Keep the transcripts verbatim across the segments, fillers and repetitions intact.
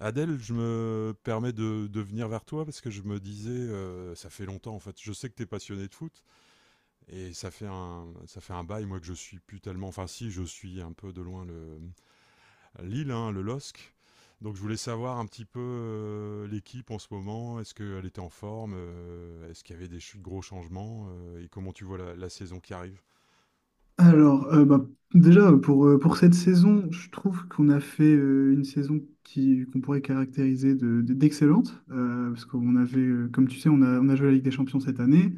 Adèle, je me permets de, de venir vers toi parce que je me disais, euh, ça fait longtemps en fait, je sais que tu es passionné de foot et ça fait un, ça fait un bail, moi que je suis plus tellement, enfin si, je suis un peu de loin le Lille, hein, le L O S C. Donc je voulais savoir un petit peu euh, l'équipe en ce moment, est-ce qu'elle était en forme, euh, est-ce qu'il y avait des ch- gros changements euh, et comment tu vois la, la saison qui arrive. Alors, euh, bah, déjà, pour, euh, pour cette saison, je trouve qu'on a fait euh, une saison qui, qu'on pourrait caractériser de- de- d'excellente, euh, parce qu'on avait, euh, comme tu sais, on a, on a joué la Ligue des Champions cette année.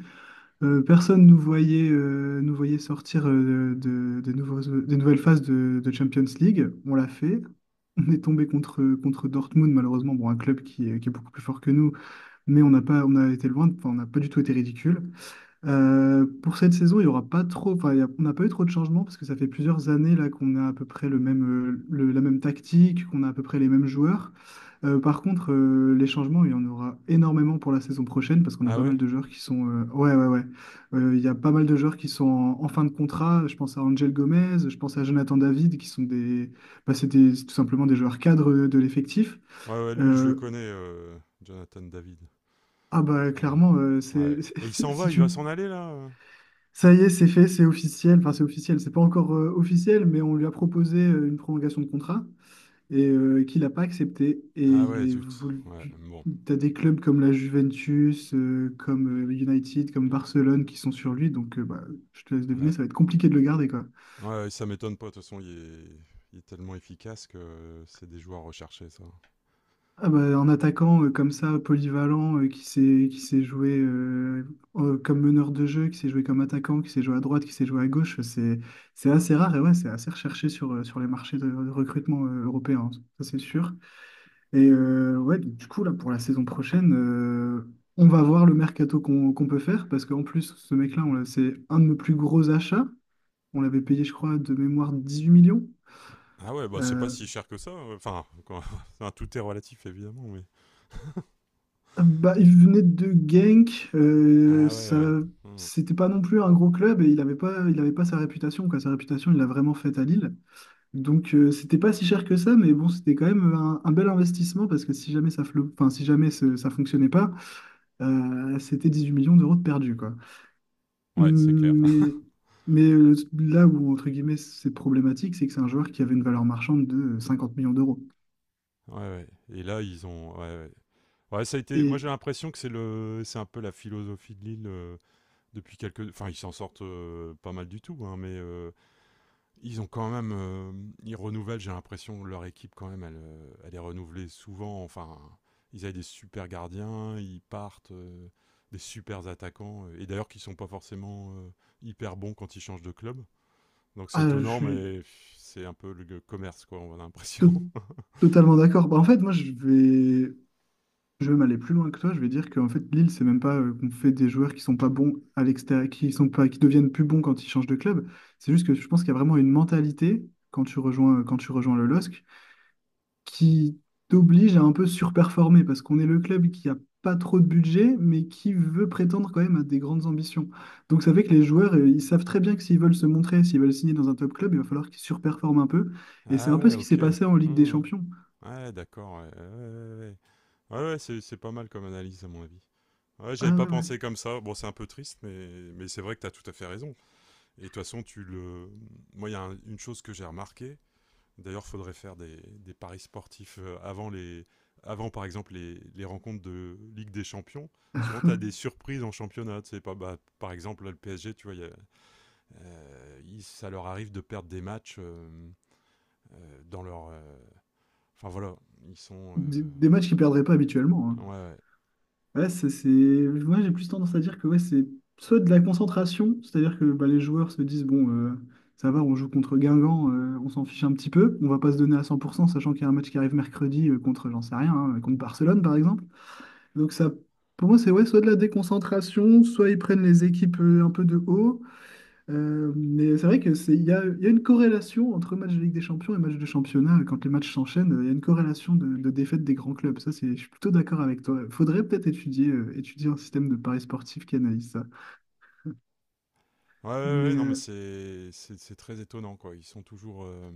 Euh, personne ne nous voyait, euh, nous voyait sortir euh, de, de nouveaux- des nouvelles phases de, de Champions League. On l'a fait. On est tombé contre, contre Dortmund, malheureusement, bon, un club qui est, qui est beaucoup plus fort que nous, mais on n'a pas, on a été loin, de- enfin, on n'a pas du tout été ridicule. Euh, pour cette saison, il y aura pas trop, enfin, il y a- on n'a pas eu trop de changements parce que ça fait plusieurs années là qu'on a à peu près le même, euh, le- la même tactique, qu'on a à peu près les mêmes joueurs. Euh, par contre, euh, les changements, il y en aura énormément pour la saison prochaine parce qu'on a Ah pas ouais? mal de joueurs qui sont, euh, ouais, ouais, ouais. Euh, il y a pas mal de joueurs qui sont en, en fin de contrat. Je pense à Angel Gomez, je pense à Jonathan David, qui sont des, bah, c'est des- c'est tout simplement des joueurs cadres de l'effectif. Ouais, ouais, lui je le Euh, connais, euh, Jonathan David. ah bah Ça va. clairement, euh, c'est, Ouais. Et il s'en si va, il va tu, s'en aller là? euh ça y est, c'est fait, c'est officiel. Enfin, c'est officiel, c'est pas encore euh, officiel, mais on lui a proposé euh, une prolongation de contrat et euh, qu'il n'a pas accepté. Et Ah il ouais, est zut. voulu. Ouais, bon. T'as des clubs comme la Juventus, euh, comme euh, United, comme Barcelone qui sont sur lui. Donc, euh, bah, je te laisse deviner, Ouais. ça va être compliqué de le garder, quoi. Ouais, ça m'étonne pas. De toute façon, il est... il est tellement efficace que euh, c'est des joueurs recherchés, ça. Ah bah, un attaquant euh, comme ça, polyvalent, euh, qui s'est qui s'est joué euh, euh, comme meneur de jeu, qui s'est joué comme attaquant, qui s'est joué à droite, qui s'est joué à gauche, c'est c'est assez rare et ouais, c'est assez recherché sur, euh, sur les marchés de, de recrutement euh, européens, hein, ça c'est sûr. Et euh, ouais, donc, du coup, là, pour la saison prochaine, euh, on va voir le mercato qu'on qu'on peut faire, parce qu'en plus, ce mec-là, on l'a- c'est un de nos plus gros achats. On l'avait payé, je crois, de mémoire dix-huit millions. Ah ouais, bah c'est pas Euh, si cher que ça. euh, Enfin, quand- enfin, tout est relatif, évidemment, mais... Bah, il venait de Genk, euh, Ah ouais, ça, ouais. Hmm. c'était pas non plus un gros club et il avait pas, il avait pas sa réputation, quoi. Sa réputation, il l'a vraiment faite à Lille. Donc, euh, c'était pas si cher que ça, mais bon, c'était quand même un, un bel investissement parce que si jamais ça, flop, enfin, si jamais ce- ça fonctionnait pas, euh, c'était huit millions d'euros de perdus, quoi. Ouais, c'est clair. Mais, mais euh, là où, entre guillemets, c'est problématique, c'est que c'est un joueur qui avait une valeur marchande de cinquante millions d'euros. Ouais, ouais. Et là, ils ont... Ouais, ouais. Ouais, ça a été... Moi, Et j'ai l'impression que c'est le... c'est un peu la philosophie de Lille, euh, depuis quelques... Enfin, ils s'en sortent euh, pas mal du tout, hein, mais... euh, ils ont quand même, euh, ils renouvellent. J'ai l'impression que leur équipe quand même, elle, euh, elle est renouvelée souvent. Enfin, ils avaient des super gardiens, ils partent, euh, des super attaquants, euh, et d'ailleurs qui sont pas forcément euh, hyper bons quand ils changent de club. Donc c'est ah, je étonnant, suis mais pff, c'est un peu le commerce quoi, on a to- l'impression. totalement d'accord. Bah, en fait, moi, je vais. Je vais même aller plus loin que toi, je vais dire qu'en fait Lille, c'est même pas euh, qu'on fait des joueurs qui sont pas bons à l'extérieur, qui sont pas, qui deviennent plus bons quand ils changent de club. C'est juste que je pense qu'il y a vraiment une mentalité quand tu rejoins, euh, quand tu rejoins le L O S C qui t'oblige à un peu surperformer parce qu'on est le club qui a pas trop de budget, mais qui veut prétendre quand même à des grandes ambitions. Donc ça fait que les joueurs, euh, ils savent très bien que s'ils veulent se montrer, s'ils veulent signer dans un top club, il va falloir qu'ils surperforment un peu. Et c'est Ah un peu ouais, ce qui s'est ok. passé en Ligue des Hmm. Champions. Ouais, d'accord. Ouais, ouais, ouais, ouais. Ouais, ouais, c'est c'est pas mal comme analyse à mon avis. Ouais, j'avais Ah pas ouais, ouais. pensé comme ça. Bon, c'est un peu triste, mais mais c'est vrai que t'as tout à fait raison. Et de toute façon, tu le. Moi, il y a un- une chose que j'ai remarquée. D'ailleurs, faudrait faire des, des paris sportifs euh, avant les, avant par exemple les, les rencontres de Ligue des Champions. Souvent, tu as des surprises en championnat. Tu sais pas, bah, par exemple, là, le P S G, tu vois, il y a- euh, ils- ça leur arrive de perdre des matchs euh, euh, dans leur. euh, Enfin voilà, ils sont. euh, Des, des matchs qu'ils perdraient pas habituellement, hein. Ouais, ouais. Ouais, c'est, c'est- moi, j'ai plus tendance à dire que ouais, c'est soit de la concentration, c'est-à-dire que bah, les joueurs se disent, bon, euh, ça va, on joue contre Guingamp, euh, on s'en fiche un petit peu, on va pas se donner à cent pour cent, sachant qu'il y a un match qui arrive mercredi euh, contre, j'en sais rien, hein, contre Barcelone, par exemple. Donc ça, pour moi, c'est ouais, soit de la déconcentration, soit ils prennent les équipes euh, un peu de haut, euh, mais c'est vrai que c'est, il y a, il y a une corrélation entre match de Ligue des Champions et match de championnat. Quand les matchs s'enchaînent, euh, il y a une corrélation de, de défaite des grands clubs. Ça, c'est, je suis plutôt d'accord avec toi. Faudrait peut-être étudier, euh, étudier un système de paris sportif qui analyse ça. Ouais, ouais, Mais ouais, non, mais euh, c'est c'est- c'est très étonnant, quoi. Ils sont toujours. euh,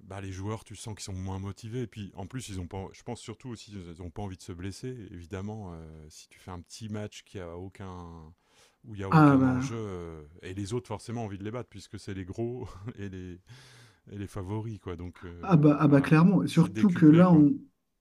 bah, les joueurs, tu sens qu'ils sont moins motivés. Et puis, en plus, ils ont pas, je pense surtout aussi, ils n'ont pas envie de se blesser. Évidemment, euh, si tu fais un petit match qui a aucun, où il n'y a ah aucun bah enjeu, euh, et les autres, forcément, ont envie de les battre, puisque c'est les gros et les, et les favoris, quoi. Donc, Ah euh, bah, ah bah voilà. clairement, C'est surtout que décuplé, là, quoi. on...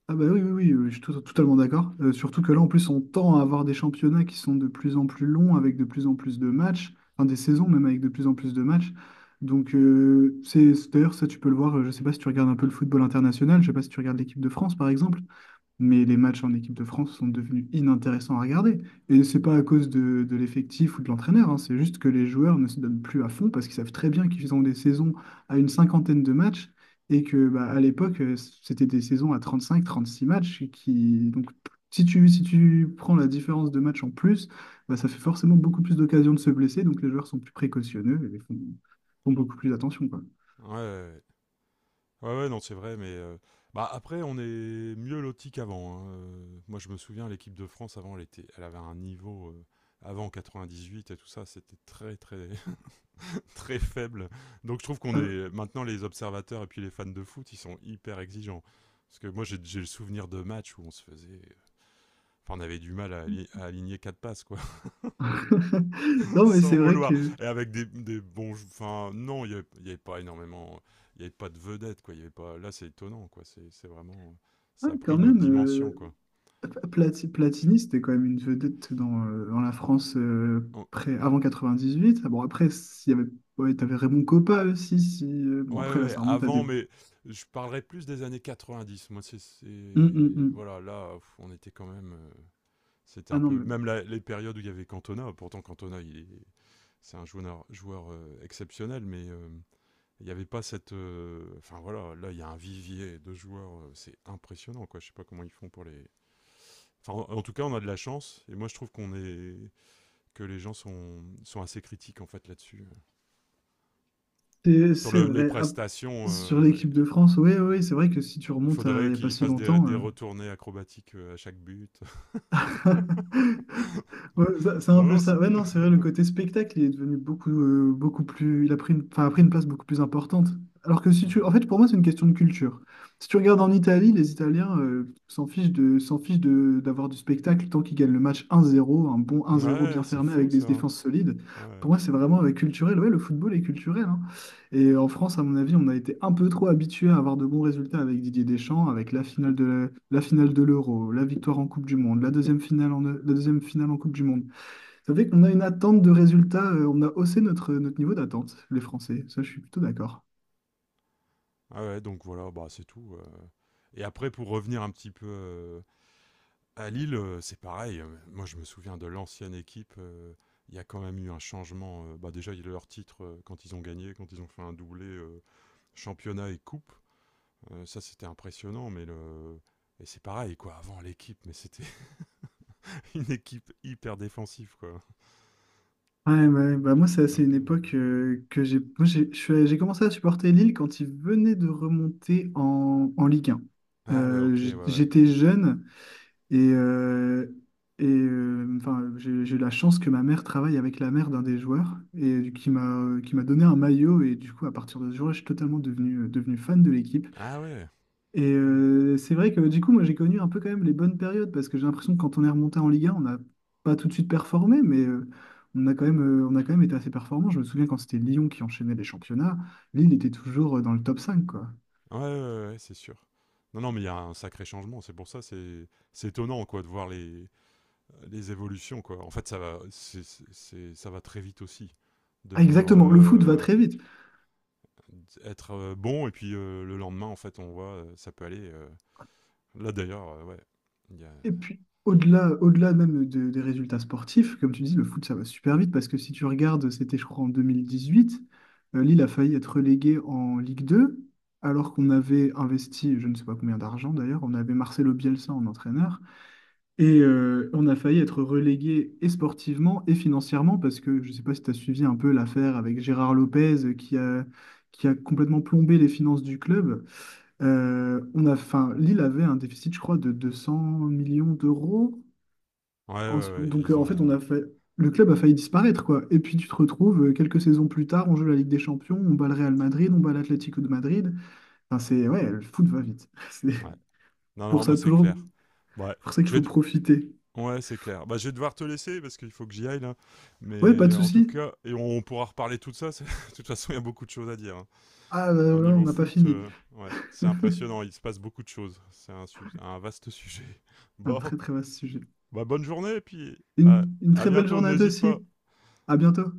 Ah bah oui, oui, oui, euh, je suis tout- totalement d'accord. Euh, surtout que là, en plus, on tend à avoir des championnats qui sont de plus en plus longs, avec de plus en plus de matchs, enfin des saisons même avec de plus en plus de matchs. Donc, euh, c'est c'est- d'ailleurs, ça, tu peux le voir, euh, je sais pas si tu regardes un peu le football international, je sais pas si tu regardes l'équipe de France, par exemple, mais les matchs en équipe de France sont devenus inintéressants à regarder. Et c'est pas à cause de, de l'effectif ou de l'entraîneur, hein, c'est juste que les joueurs ne se donnent plus à fond parce qu'ils savent très bien qu'ils ont des saisons à une cinquantaine de matchs et que bah, à l'époque, euh, c'était des saisons à trente-cinq, trente-six matchs qui donc si tu, si tu prends la différence de matchs en plus, bah, ça fait forcément beaucoup plus d'occasions de se blesser, donc les joueurs sont plus précautionneux et font, font beaucoup plus attention, quoi. Ouais, ouais, ouais, ouais, non, c'est vrai, mais. euh, bah, après, on est mieux loti qu'avant. Hein. Euh, Moi, je me souviens, l'équipe de France, avant, elle, était, elle avait un niveau. euh, avant quatre-vingt-dix-huit et tout ça, c'était très, très. Très faible. Donc je trouve qu'on Euh, est maintenant les observateurs et puis les fans de foot, ils sont hyper exigeants. Parce que moi j'ai j'ai le souvenir de matchs où on se faisait, enfin on avait du mal à, ali- à aligner quatre passes quoi, Non, mais sans c'est vrai vouloir. que, Et avec des, des bons, jou- enfin non, il y avait, il y avait pas énormément, il y avait pas de vedettes quoi. Il y avait pas. Là c'est étonnant quoi. C'est c'est vraiment, ouais, ça a pris quand une autre même, dimension euh, quoi. Plati- Platini, c'était quand même une vedette dans, euh, dans la France euh, On- près, on- avant quatre-vingt-dix-huit. Ah bon, après, s'il y avait, ouais, t'avais Raymond Kopa aussi. Si, euh, Ouais, bon, après, là, ouais, ça remonte à des. avant, mais je parlerai plus des années quatre-vingt-dix. Moi, c'est. Hum, hum, c'est- hum. Voilà, là, pff, on était quand même. euh, C'était Ah un non, peu mais même la- les périodes où il y avait Cantona. Pourtant Cantona, il est- c'est un joueur, joueur euh, exceptionnel, mais euh, il n'y avait pas cette. euh, Enfin voilà, là il y a un vivier de joueurs, euh, c'est impressionnant quoi. Je sais pas comment ils font pour les. Enfin, en, en tout cas, on a de la chance, et moi je trouve qu'on est que les gens sont sont assez critiques en fait là-dessus. c'est Sur c'est le- les vrai. Ah, prestations, sur euh, l'équipe de France, oui, oui, c'est vrai que si tu il remontes à faudrait il n'y a pas qu'ils si fassent des, longtemps. des euh, retournées acrobatiques euh, à chaque but. Ouais, ça- c'est un non peu non, c'est ça. Ouais, non, c'est vrai, le côté spectacle, il est devenu beaucoup, euh, beaucoup plus. Il a pris une, enfin, a pris une place beaucoup plus importante. Alors que si tu. En fait, pour moi, c'est une question de culture. Si tu regardes en Italie, les Italiens euh, s'en fichent de, s'en fichent de, d'avoir du spectacle tant qu'ils gagnent le match un zéro, un bon un zéro voilà. ouais, bien c'est fermé fou avec ça. des Hein. défenses solides. Ouais. Pour moi, c'est vraiment euh, culturel. Ouais, le football est culturel, hein. Et en France, à mon avis, on a été un peu trop habitué à avoir de bons résultats avec Didier Deschamps, avec la finale de la, la finale de l'Euro, la victoire en Coupe du Monde, la deuxième finale en, la deuxième finale en Coupe du Monde. Ça fait qu'on a une attente de résultats, euh, on a haussé notre, notre niveau d'attente, les Français. Ça, je suis plutôt d'accord. Ah ouais, donc voilà, bah c'est tout. euh. Et après, pour revenir un petit peu euh, à Lille, euh, c'est pareil. Euh, Moi, je me souviens de l'ancienne équipe. euh, Il y a quand même eu un changement. euh, bah déjà, il y a leur titre euh, quand ils ont gagné, quand ils ont fait un doublé euh, championnat et coupe. Euh, ça, c'était impressionnant. Mais le et c'est pareil quoi. Avant l'équipe, mais c'était une équipe hyper défensive quoi. Ouais, ouais, bah moi, c'est c'est une époque euh, que j'ai moi, j'ai je suis- j'ai commencé à supporter Lille quand ils venaient de remonter en, en Ligue un. Ah ouais, Euh, ok, ouais, j'- ouais. J'étais jeune. Et, euh, et euh, enfin, j'ai j'ai eu la chance que ma mère travaille avec la mère d'un des joueurs et qui m'a qui m'a donné un maillot. Et du coup, à partir de ce jour-là, je suis totalement devenu, devenu fan de l'équipe. Ah ouais. Et Mm. euh, c'est vrai que du coup, moi, j'ai connu un peu quand même les bonnes périodes parce que j'ai l'impression que quand on est remonté en Ligue un, on n'a pas tout de suite performé, mais euh, on a quand même, euh, on a quand même été assez performant. Je me souviens quand c'était Lyon qui enchaînait les championnats, Lille était toujours euh, dans le top cinq quoi. Ouais, ouais, ouais, ouais, c'est sûr. Non, non, mais il y a un sacré changement. C'est pour ça, c'est c'est étonnant quoi de voir les les évolutions, quoi. En fait, ça va, c'est, c'est- ça va très vite aussi. Ah, Devenir, exactement, le foot va euh, très vite. être euh, bon, et puis euh, le lendemain, en fait, on voit, euh, ça peut aller. Euh. Là, d'ailleurs, euh, ouais. il y a- Et puis, au-delà, au-delà même de- des résultats sportifs, comme tu dis, le foot, ça va super vite parce que si tu regardes, c'était, je crois, en deux mille dix-huit, euh, Lille a failli être relégué en Ligue deux, alors qu'on avait investi, je ne sais pas combien d'argent d'ailleurs, on avait Marcelo Bielsa en entraîneur, et euh, on a failli être relégué et sportivement et financièrement parce que, je ne sais pas si tu as suivi un peu l'affaire avec Gérard Lopez euh, qui a, qui a complètement plombé les finances du club. Euh, on a, enfin, Lille avait un déficit, je crois, de deux cents millions d'euros. Ouais, En ouais, ce- ouais, Donc, ils euh, en fait, on ont. a fait, le club a failli disparaître, quoi. Et puis, tu te retrouves euh, quelques saisons plus tard, on joue la Ligue des Champions, on bat le Real Madrid, on bat l'Atlético de Madrid. Enfin, c'est, ouais, le foot va vite. C'est Ouais. Non, pour non, ça, bah, c'est toujours, clair. Ouais, pour ça qu'il je vais. faut de- profiter. Ouais, c'est clair. Bah, je vais devoir te laisser parce qu'il faut que j'y aille là. Ouais, pas Mais de en tout souci. cas, et on pourra reparler de tout ça. c'est- De toute façon, il y a beaucoup de choses à dire. Hein. Ah, bah, Au voilà, on niveau n'a pas foot, fini. euh, ouais, c'est impressionnant. Il se passe beaucoup de choses. C'est un, su- un vaste sujet. Un Bon. très, très vaste sujet. Bah, bonne journée et puis à, Une, une à très belle bientôt, journée à toi n'hésite pas. aussi. À bientôt.